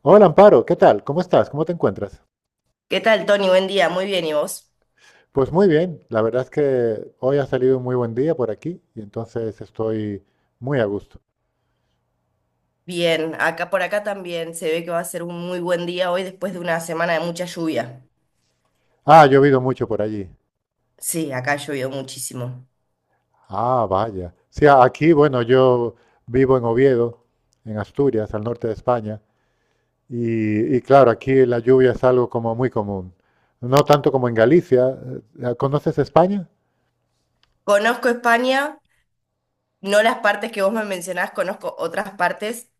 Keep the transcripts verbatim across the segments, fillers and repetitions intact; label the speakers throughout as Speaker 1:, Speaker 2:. Speaker 1: Hola Amparo, ¿qué tal? ¿Cómo estás? ¿Cómo te encuentras?
Speaker 2: ¿Qué tal, Tony? Buen día, muy bien, ¿y vos?
Speaker 1: Pues muy bien, la verdad es que hoy ha salido un muy buen día por aquí y entonces estoy muy a gusto.
Speaker 2: Bien, acá por acá también se ve que va a ser un muy buen día hoy después de una semana de mucha lluvia.
Speaker 1: Ah, ha llovido mucho por allí.
Speaker 2: Sí, acá ha llovido muchísimo.
Speaker 1: Ah, vaya. Sí, a- aquí, bueno, yo vivo en Oviedo, en Asturias, al norte de España, y, y claro, aquí la lluvia es algo como muy común. No tanto como en Galicia. Eh, ¿Conoces España?
Speaker 2: Conozco España, no las partes que vos me mencionás, conozco otras partes,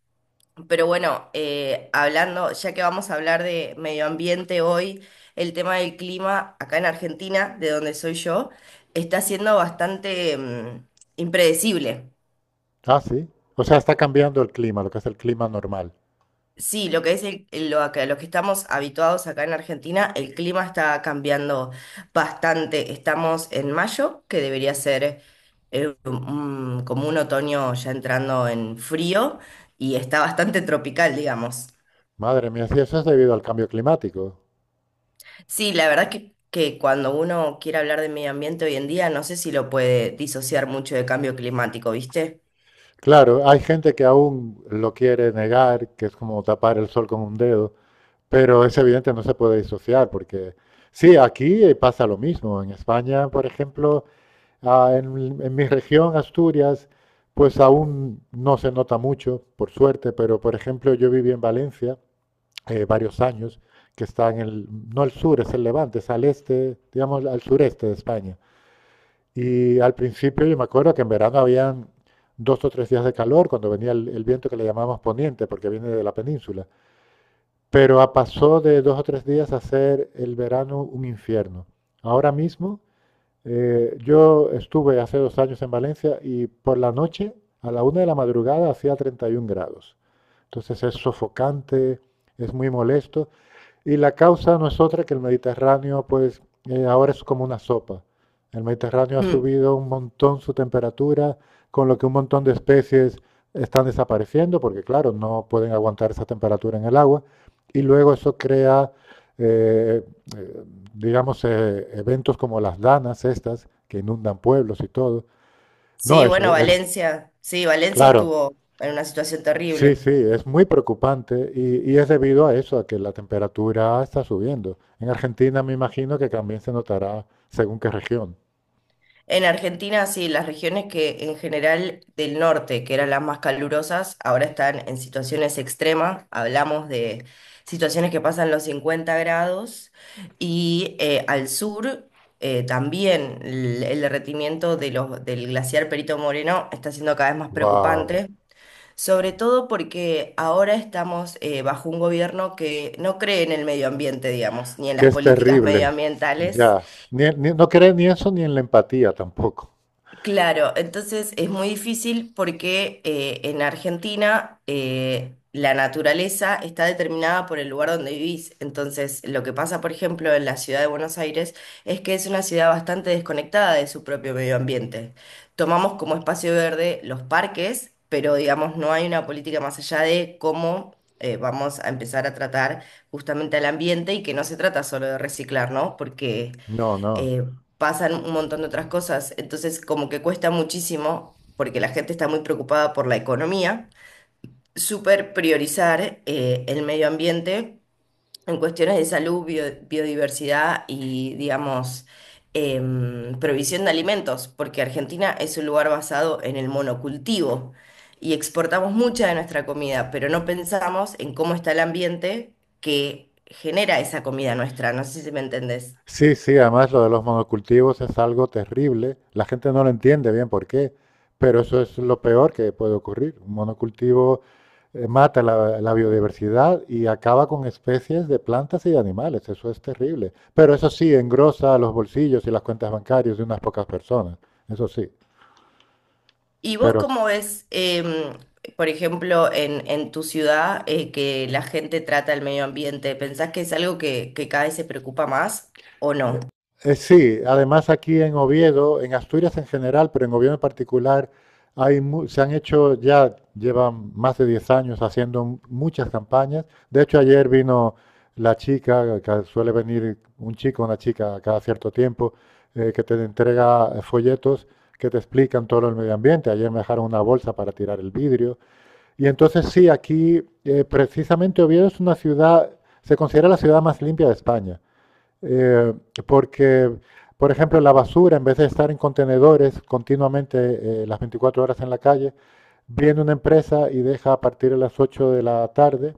Speaker 2: pero bueno, eh, hablando, ya que vamos a hablar de medio ambiente hoy, el tema del clima acá en Argentina, de donde soy yo, está siendo bastante, mm, impredecible.
Speaker 1: Ah, sí. O sea, está cambiando el clima, lo que es el clima normal.
Speaker 2: Sí, lo que es el- el- lo que, los que estamos habituados acá en Argentina, el clima está cambiando bastante. Estamos en mayo, que debería ser eh, un- como un otoño ya entrando en frío y está bastante tropical, digamos.
Speaker 1: Madre mía, sí, eso es debido al cambio climático.
Speaker 2: Sí, la verdad que, que cuando uno quiere hablar de medio ambiente hoy en día, no sé si lo puede disociar mucho de cambio climático, ¿viste?
Speaker 1: Claro, hay gente que aún lo quiere negar, que es como tapar el sol con un dedo, pero es evidente, no se puede disociar, porque sí, aquí eh, pasa lo mismo. En España, por ejemplo, ah, en, en mi región, Asturias, pues aún no se nota mucho, por suerte, pero por ejemplo, yo viví en Valencia eh, varios años, que está en el, no el sur, es el levante, es al este, digamos, al sureste de España. Y al principio yo me acuerdo que en verano habían dos o tres días de calor cuando venía el, el viento que le llamamos poniente, porque viene de la península. Pero a- pasó de dos o tres días a ser el verano un infierno. Ahora mismo, eh, yo estuve hace dos años en Valencia y por la noche, a la una de la madrugada, hacía treinta y uno grados. Entonces es sofocante, es muy molesto y la causa no es otra que el Mediterráneo, pues eh, ahora es como una sopa. El Mediterráneo ha
Speaker 2: Mm.
Speaker 1: subido un montón su temperatura, con lo que un montón de especies están desapareciendo, porque claro, no pueden aguantar esa temperatura en el agua. Y luego eso crea, eh, eh, digamos, eh, eventos como las danas estas, que inundan pueblos y todo. No,
Speaker 2: Sí,
Speaker 1: es,
Speaker 2: bueno,
Speaker 1: es
Speaker 2: Valencia, sí, Valencia
Speaker 1: claro.
Speaker 2: estuvo en una situación
Speaker 1: Sí,
Speaker 2: terrible.
Speaker 1: sí, es muy preocupante y, y es debido a eso, a que la temperatura está subiendo. En Argentina me imagino que también se notará según qué región.
Speaker 2: En Argentina, sí, las regiones que en general del norte, que eran las más calurosas, ahora están en situaciones extremas. Hablamos de situaciones que pasan los cincuenta grados y eh, al sur eh, también el, el derretimiento de los, del glaciar Perito Moreno está siendo cada vez más
Speaker 1: Wow,
Speaker 2: preocupante, sobre todo porque ahora estamos eh, bajo un gobierno que no cree en el medio ambiente, digamos, ni en
Speaker 1: que
Speaker 2: las
Speaker 1: es
Speaker 2: políticas
Speaker 1: terrible.
Speaker 2: medioambientales.
Speaker 1: Ya, Ni- ni- no cree ni eso ni en la empatía tampoco.
Speaker 2: Claro, entonces es muy difícil porque eh, en Argentina eh, la naturaleza está determinada por el lugar donde vivís. Entonces, lo que pasa, por ejemplo, en la ciudad de Buenos Aires es que es una ciudad bastante desconectada de su propio medio ambiente. Tomamos como espacio verde los parques, pero digamos no hay una política más allá de cómo, eh, vamos a empezar a tratar justamente al ambiente, y que no se trata solo de reciclar, ¿no? Porque
Speaker 1: No, no.
Speaker 2: eh, pasan un montón de otras cosas. Entonces, como que cuesta muchísimo, porque la gente está muy preocupada por la economía, súper priorizar eh, el medio ambiente en cuestiones de salud, bio- biodiversidad y, digamos, em, provisión de alimentos, porque Argentina es un lugar basado en el monocultivo. Y exportamos mucha de nuestra comida, pero no pensamos en cómo está el ambiente que genera esa comida nuestra. No sé si me entendés.
Speaker 1: Sí, sí, además lo de los monocultivos es algo terrible. La gente no lo entiende bien por qué, pero eso es lo peor que puede ocurrir. Un monocultivo eh, mata la, la biodiversidad y acaba con especies de plantas y de animales. Eso es terrible. Pero eso sí, engrosa los bolsillos y las cuentas bancarias de unas pocas personas. Eso sí.
Speaker 2: ¿Y vos
Speaker 1: Pero
Speaker 2: cómo ves, em, por ejemplo, en, en tu ciudad, eh, que la gente trata el medio ambiente? ¿Pensás que es algo que, que cada vez se preocupa más o no?
Speaker 1: Eh, sí, además aquí en Oviedo, en Asturias en general, pero en Oviedo en particular, hay mu- se han hecho ya, llevan más de diez años haciendo m- muchas campañas. De hecho, ayer vino la chica, que suele venir un chico, una chica cada cierto tiempo, eh, que te entrega eh, folletos que te explican todo el medio ambiente. Ayer me dejaron una bolsa para tirar el vidrio. Y entonces sí, aquí eh, precisamente Oviedo es una ciudad, se considera la ciudad más limpia de España, eh, porque, por ejemplo, la basura, en vez de estar en contenedores continuamente eh, las veinticuatro horas en la calle, viene una empresa y deja a partir de las ocho de la tarde,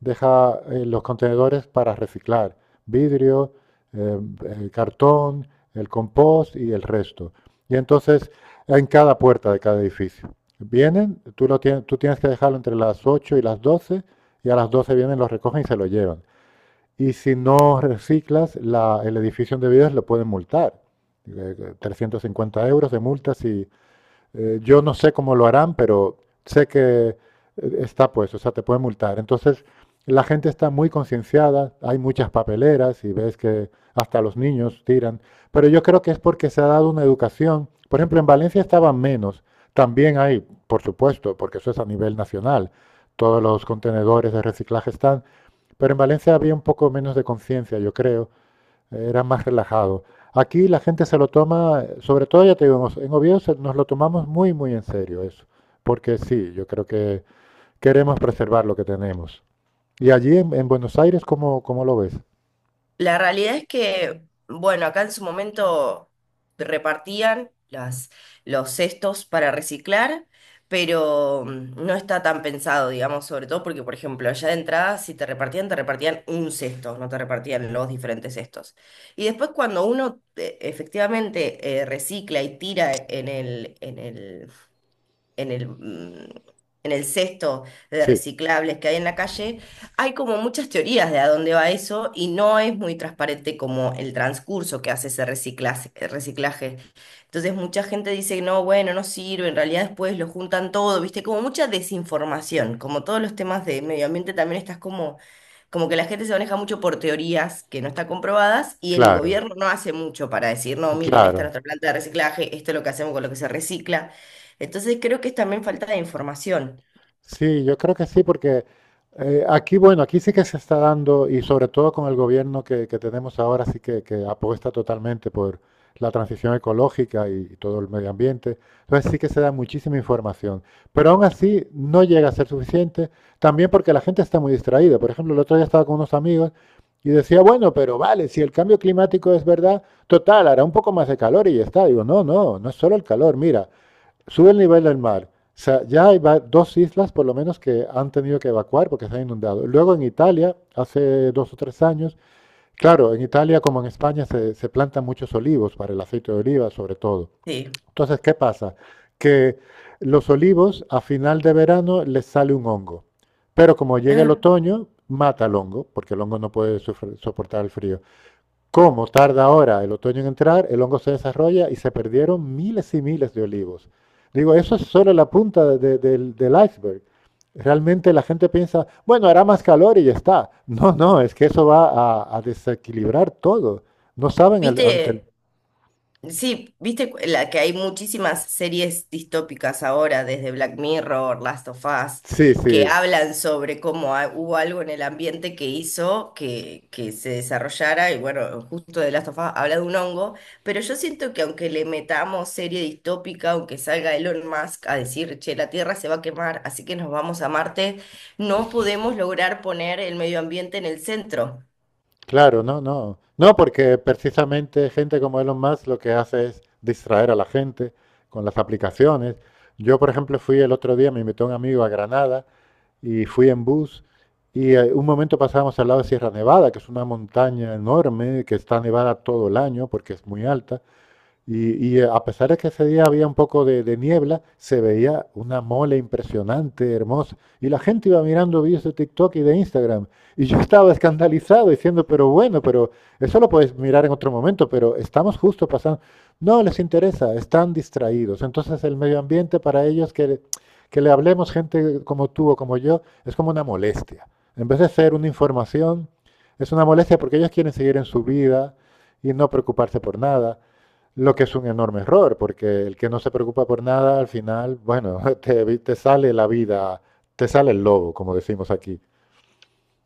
Speaker 1: deja eh, los contenedores para reciclar, vidrio, eh, el cartón, el compost y el resto. Y entonces, en cada puerta de cada edificio. Vienen, tú, lo tienes, tú tienes que dejarlo entre las ocho y las doce y a las doce vienen, lo recogen y se lo llevan. Y si no reciclas, la, el edificio donde vives lo pueden multar. Eh, trescientos cincuenta euros de multas y eh, yo no sé cómo lo harán, pero sé que eh, está pues, o sea, te pueden multar. Entonces, la gente está muy concienciada, hay muchas papeleras y ves que hasta los niños tiran, pero yo creo que es porque se ha dado una educación. Por ejemplo, en Valencia estaban menos, también hay, por supuesto, porque eso es a nivel nacional, todos los contenedores de reciclaje están, pero en Valencia había un poco menos de conciencia, yo creo, era más relajado. Aquí la gente se lo toma, sobre todo ya te digo, en Oviedo se- nos lo tomamos muy, muy en serio eso, porque sí, yo creo que queremos preservar lo que tenemos. ¿Y allí en, en Buenos Aires cómo, cómo lo ves?
Speaker 2: La realidad es que, bueno, acá en su momento repartían las, los cestos para reciclar, pero mm, no está tan pensado, digamos, sobre todo porque, por ejemplo, allá de entrada, si te repartían, te repartían un cesto, no te repartían los diferentes cestos. Y después cuando uno eh, efectivamente eh, recicla y tira en el, en el en el, mm, en el cesto de
Speaker 1: Sí,
Speaker 2: reciclables que hay en la calle, hay como muchas teorías de a dónde va eso, y no es muy transparente como el transcurso que hace ese reciclaje, reciclaje. Entonces mucha gente dice, no, bueno, no sirve, en realidad después lo juntan todo, ¿viste? Como mucha desinformación, como todos los temas de medio ambiente también estás como... Como que la gente se maneja mucho por teorías que no están comprobadas, y el
Speaker 1: claro,
Speaker 2: gobierno no hace mucho para decir, no, miren, esta es
Speaker 1: claro.
Speaker 2: nuestra planta de reciclaje, esto es lo que hacemos con lo que se recicla. Entonces creo que es también falta de información.
Speaker 1: Sí, yo creo que sí, porque eh, aquí, bueno, aquí sí que se está dando, y sobre todo con el gobierno que, que tenemos ahora, sí que, que apuesta totalmente por la transición ecológica y, y todo el medio ambiente. Entonces sí que se da muchísima información. Pero aún así no llega a ser suficiente, también porque la gente está muy distraída. Por ejemplo, el otro día estaba con unos amigos y decía, bueno, pero vale, si el cambio climático es verdad, total, hará un poco más de calor y ya está. Digo, no, no, no es solo el calor. Mira, sube el nivel del mar. O sea, ya hay dos islas por lo menos que han tenido que evacuar porque se han inundado. Luego en Italia, hace dos o tres años, claro, en Italia como en España se, se plantan muchos olivos para el aceite de oliva sobre todo.
Speaker 2: Sí.
Speaker 1: Entonces, ¿qué pasa? Que los olivos a final de verano les sale un hongo. Pero como llega el
Speaker 2: Ah,
Speaker 1: otoño, mata el hongo, porque el hongo no puede soportar el frío. Como tarda ahora el otoño en entrar, el hongo se desarrolla y se perdieron miles y miles de olivos. Digo, eso es solo la punta de- de- del, del iceberg. Realmente la gente piensa, bueno, hará más calor y ya está. No, no, es que eso va a, a desequilibrar todo. No saben el- ante el...
Speaker 2: viste. Sí, viste cu- la, que hay muchísimas series distópicas ahora, desde Black Mirror, Last of Us,
Speaker 1: Sí,
Speaker 2: que
Speaker 1: sí,
Speaker 2: hablan sobre cómo ha- hubo algo en el ambiente que hizo que, que se desarrollara, y bueno, justo de Last of Us habla de un hongo, pero yo siento que aunque le metamos serie distópica, aunque salga Elon Musk a decir, che, la Tierra se va a quemar, así que nos vamos a Marte, no podemos lograr poner el medio ambiente en el centro.
Speaker 1: claro, no, no. No, porque precisamente gente como Elon Musk lo que hace es distraer a la gente con las aplicaciones. Yo, por ejemplo, fui el otro día, me invitó un amigo a Granada y fui en bus. Y eh, un momento pasábamos al lado de Sierra Nevada, que es una montaña enorme, que está nevada todo el año porque es muy alta. Y, y, eh, a pesar de que ese día había un poco de, de niebla, se veía una mole impresionante, hermosa. Y la gente iba mirando vídeos de TikTok y de Instagram. Y yo estaba escandalizado diciendo, pero bueno, pero eso lo puedes mirar en otro momento, pero estamos justo pasando. No les interesa, están distraídos. Entonces el medio ambiente para ellos, que, que le hablemos gente como tú o como yo, es como una molestia. En vez de ser una información, es una molestia porque ellos quieren seguir en su vida y no preocuparse por nada. Lo que es un enorme error, porque el que no se preocupa por nada, al final, bueno, te, te sale la vida, te sale el lobo, como decimos aquí.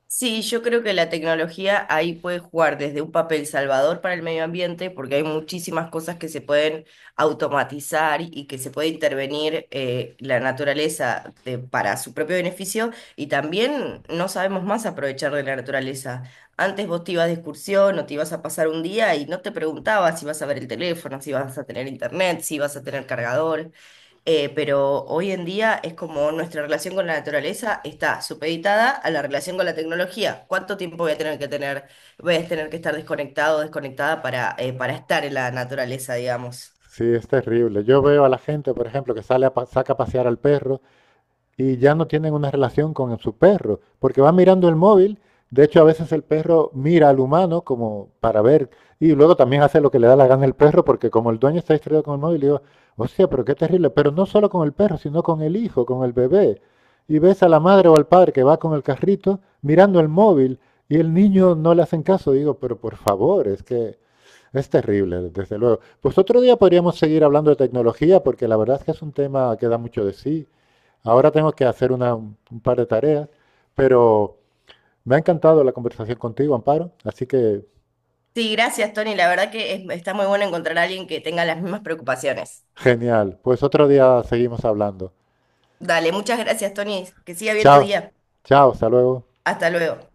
Speaker 2: Sí, yo creo que la tecnología ahí puede jugar desde un papel salvador para el medio ambiente, porque hay muchísimas cosas que se pueden automatizar y que se puede intervenir eh, la naturaleza de- para su propio beneficio, y también no sabemos más aprovechar de la naturaleza. Antes vos te ibas de excursión o te ibas a pasar un día y no te preguntabas si vas a ver el teléfono, si vas a tener internet, si vas a tener cargador. Eh, pero hoy en día es como nuestra relación con la naturaleza está supeditada a la relación con la tecnología. ¿Cuánto tiempo voy a tener que tener, voy a tener que estar desconectado o desconectada para, eh, para estar en la naturaleza, digamos?
Speaker 1: Sí, es terrible. Yo veo a la gente, por ejemplo, que sale a pa- saca a pasear al perro y ya no tienen una relación con su perro, porque van mirando el móvil. De hecho, a veces el perro mira al humano como para ver, y luego también hace lo que le da la gana el perro, porque como el dueño está distraído con el móvil, digo, hostia, pero qué terrible. Pero no solo con el perro, sino con el hijo, con el bebé. Y ves a la madre o al padre que va con el carrito mirando el móvil y el niño no le hacen caso. Digo, pero por favor, es que es terrible, desde luego. Pues otro día podríamos seguir hablando de tecnología porque la verdad es que es un tema que da mucho de sí. Ahora tengo que hacer una- un un par de tareas, pero me ha encantado la conversación contigo, Amparo. Así que
Speaker 2: Sí, gracias, Tony. La verdad que es- está muy bueno encontrar a alguien que tenga las mismas preocupaciones.
Speaker 1: genial. Pues otro día seguimos hablando.
Speaker 2: Dale, muchas gracias, Tony. Que siga bien tu
Speaker 1: Chao,
Speaker 2: día.
Speaker 1: chao, hasta luego.
Speaker 2: Hasta luego.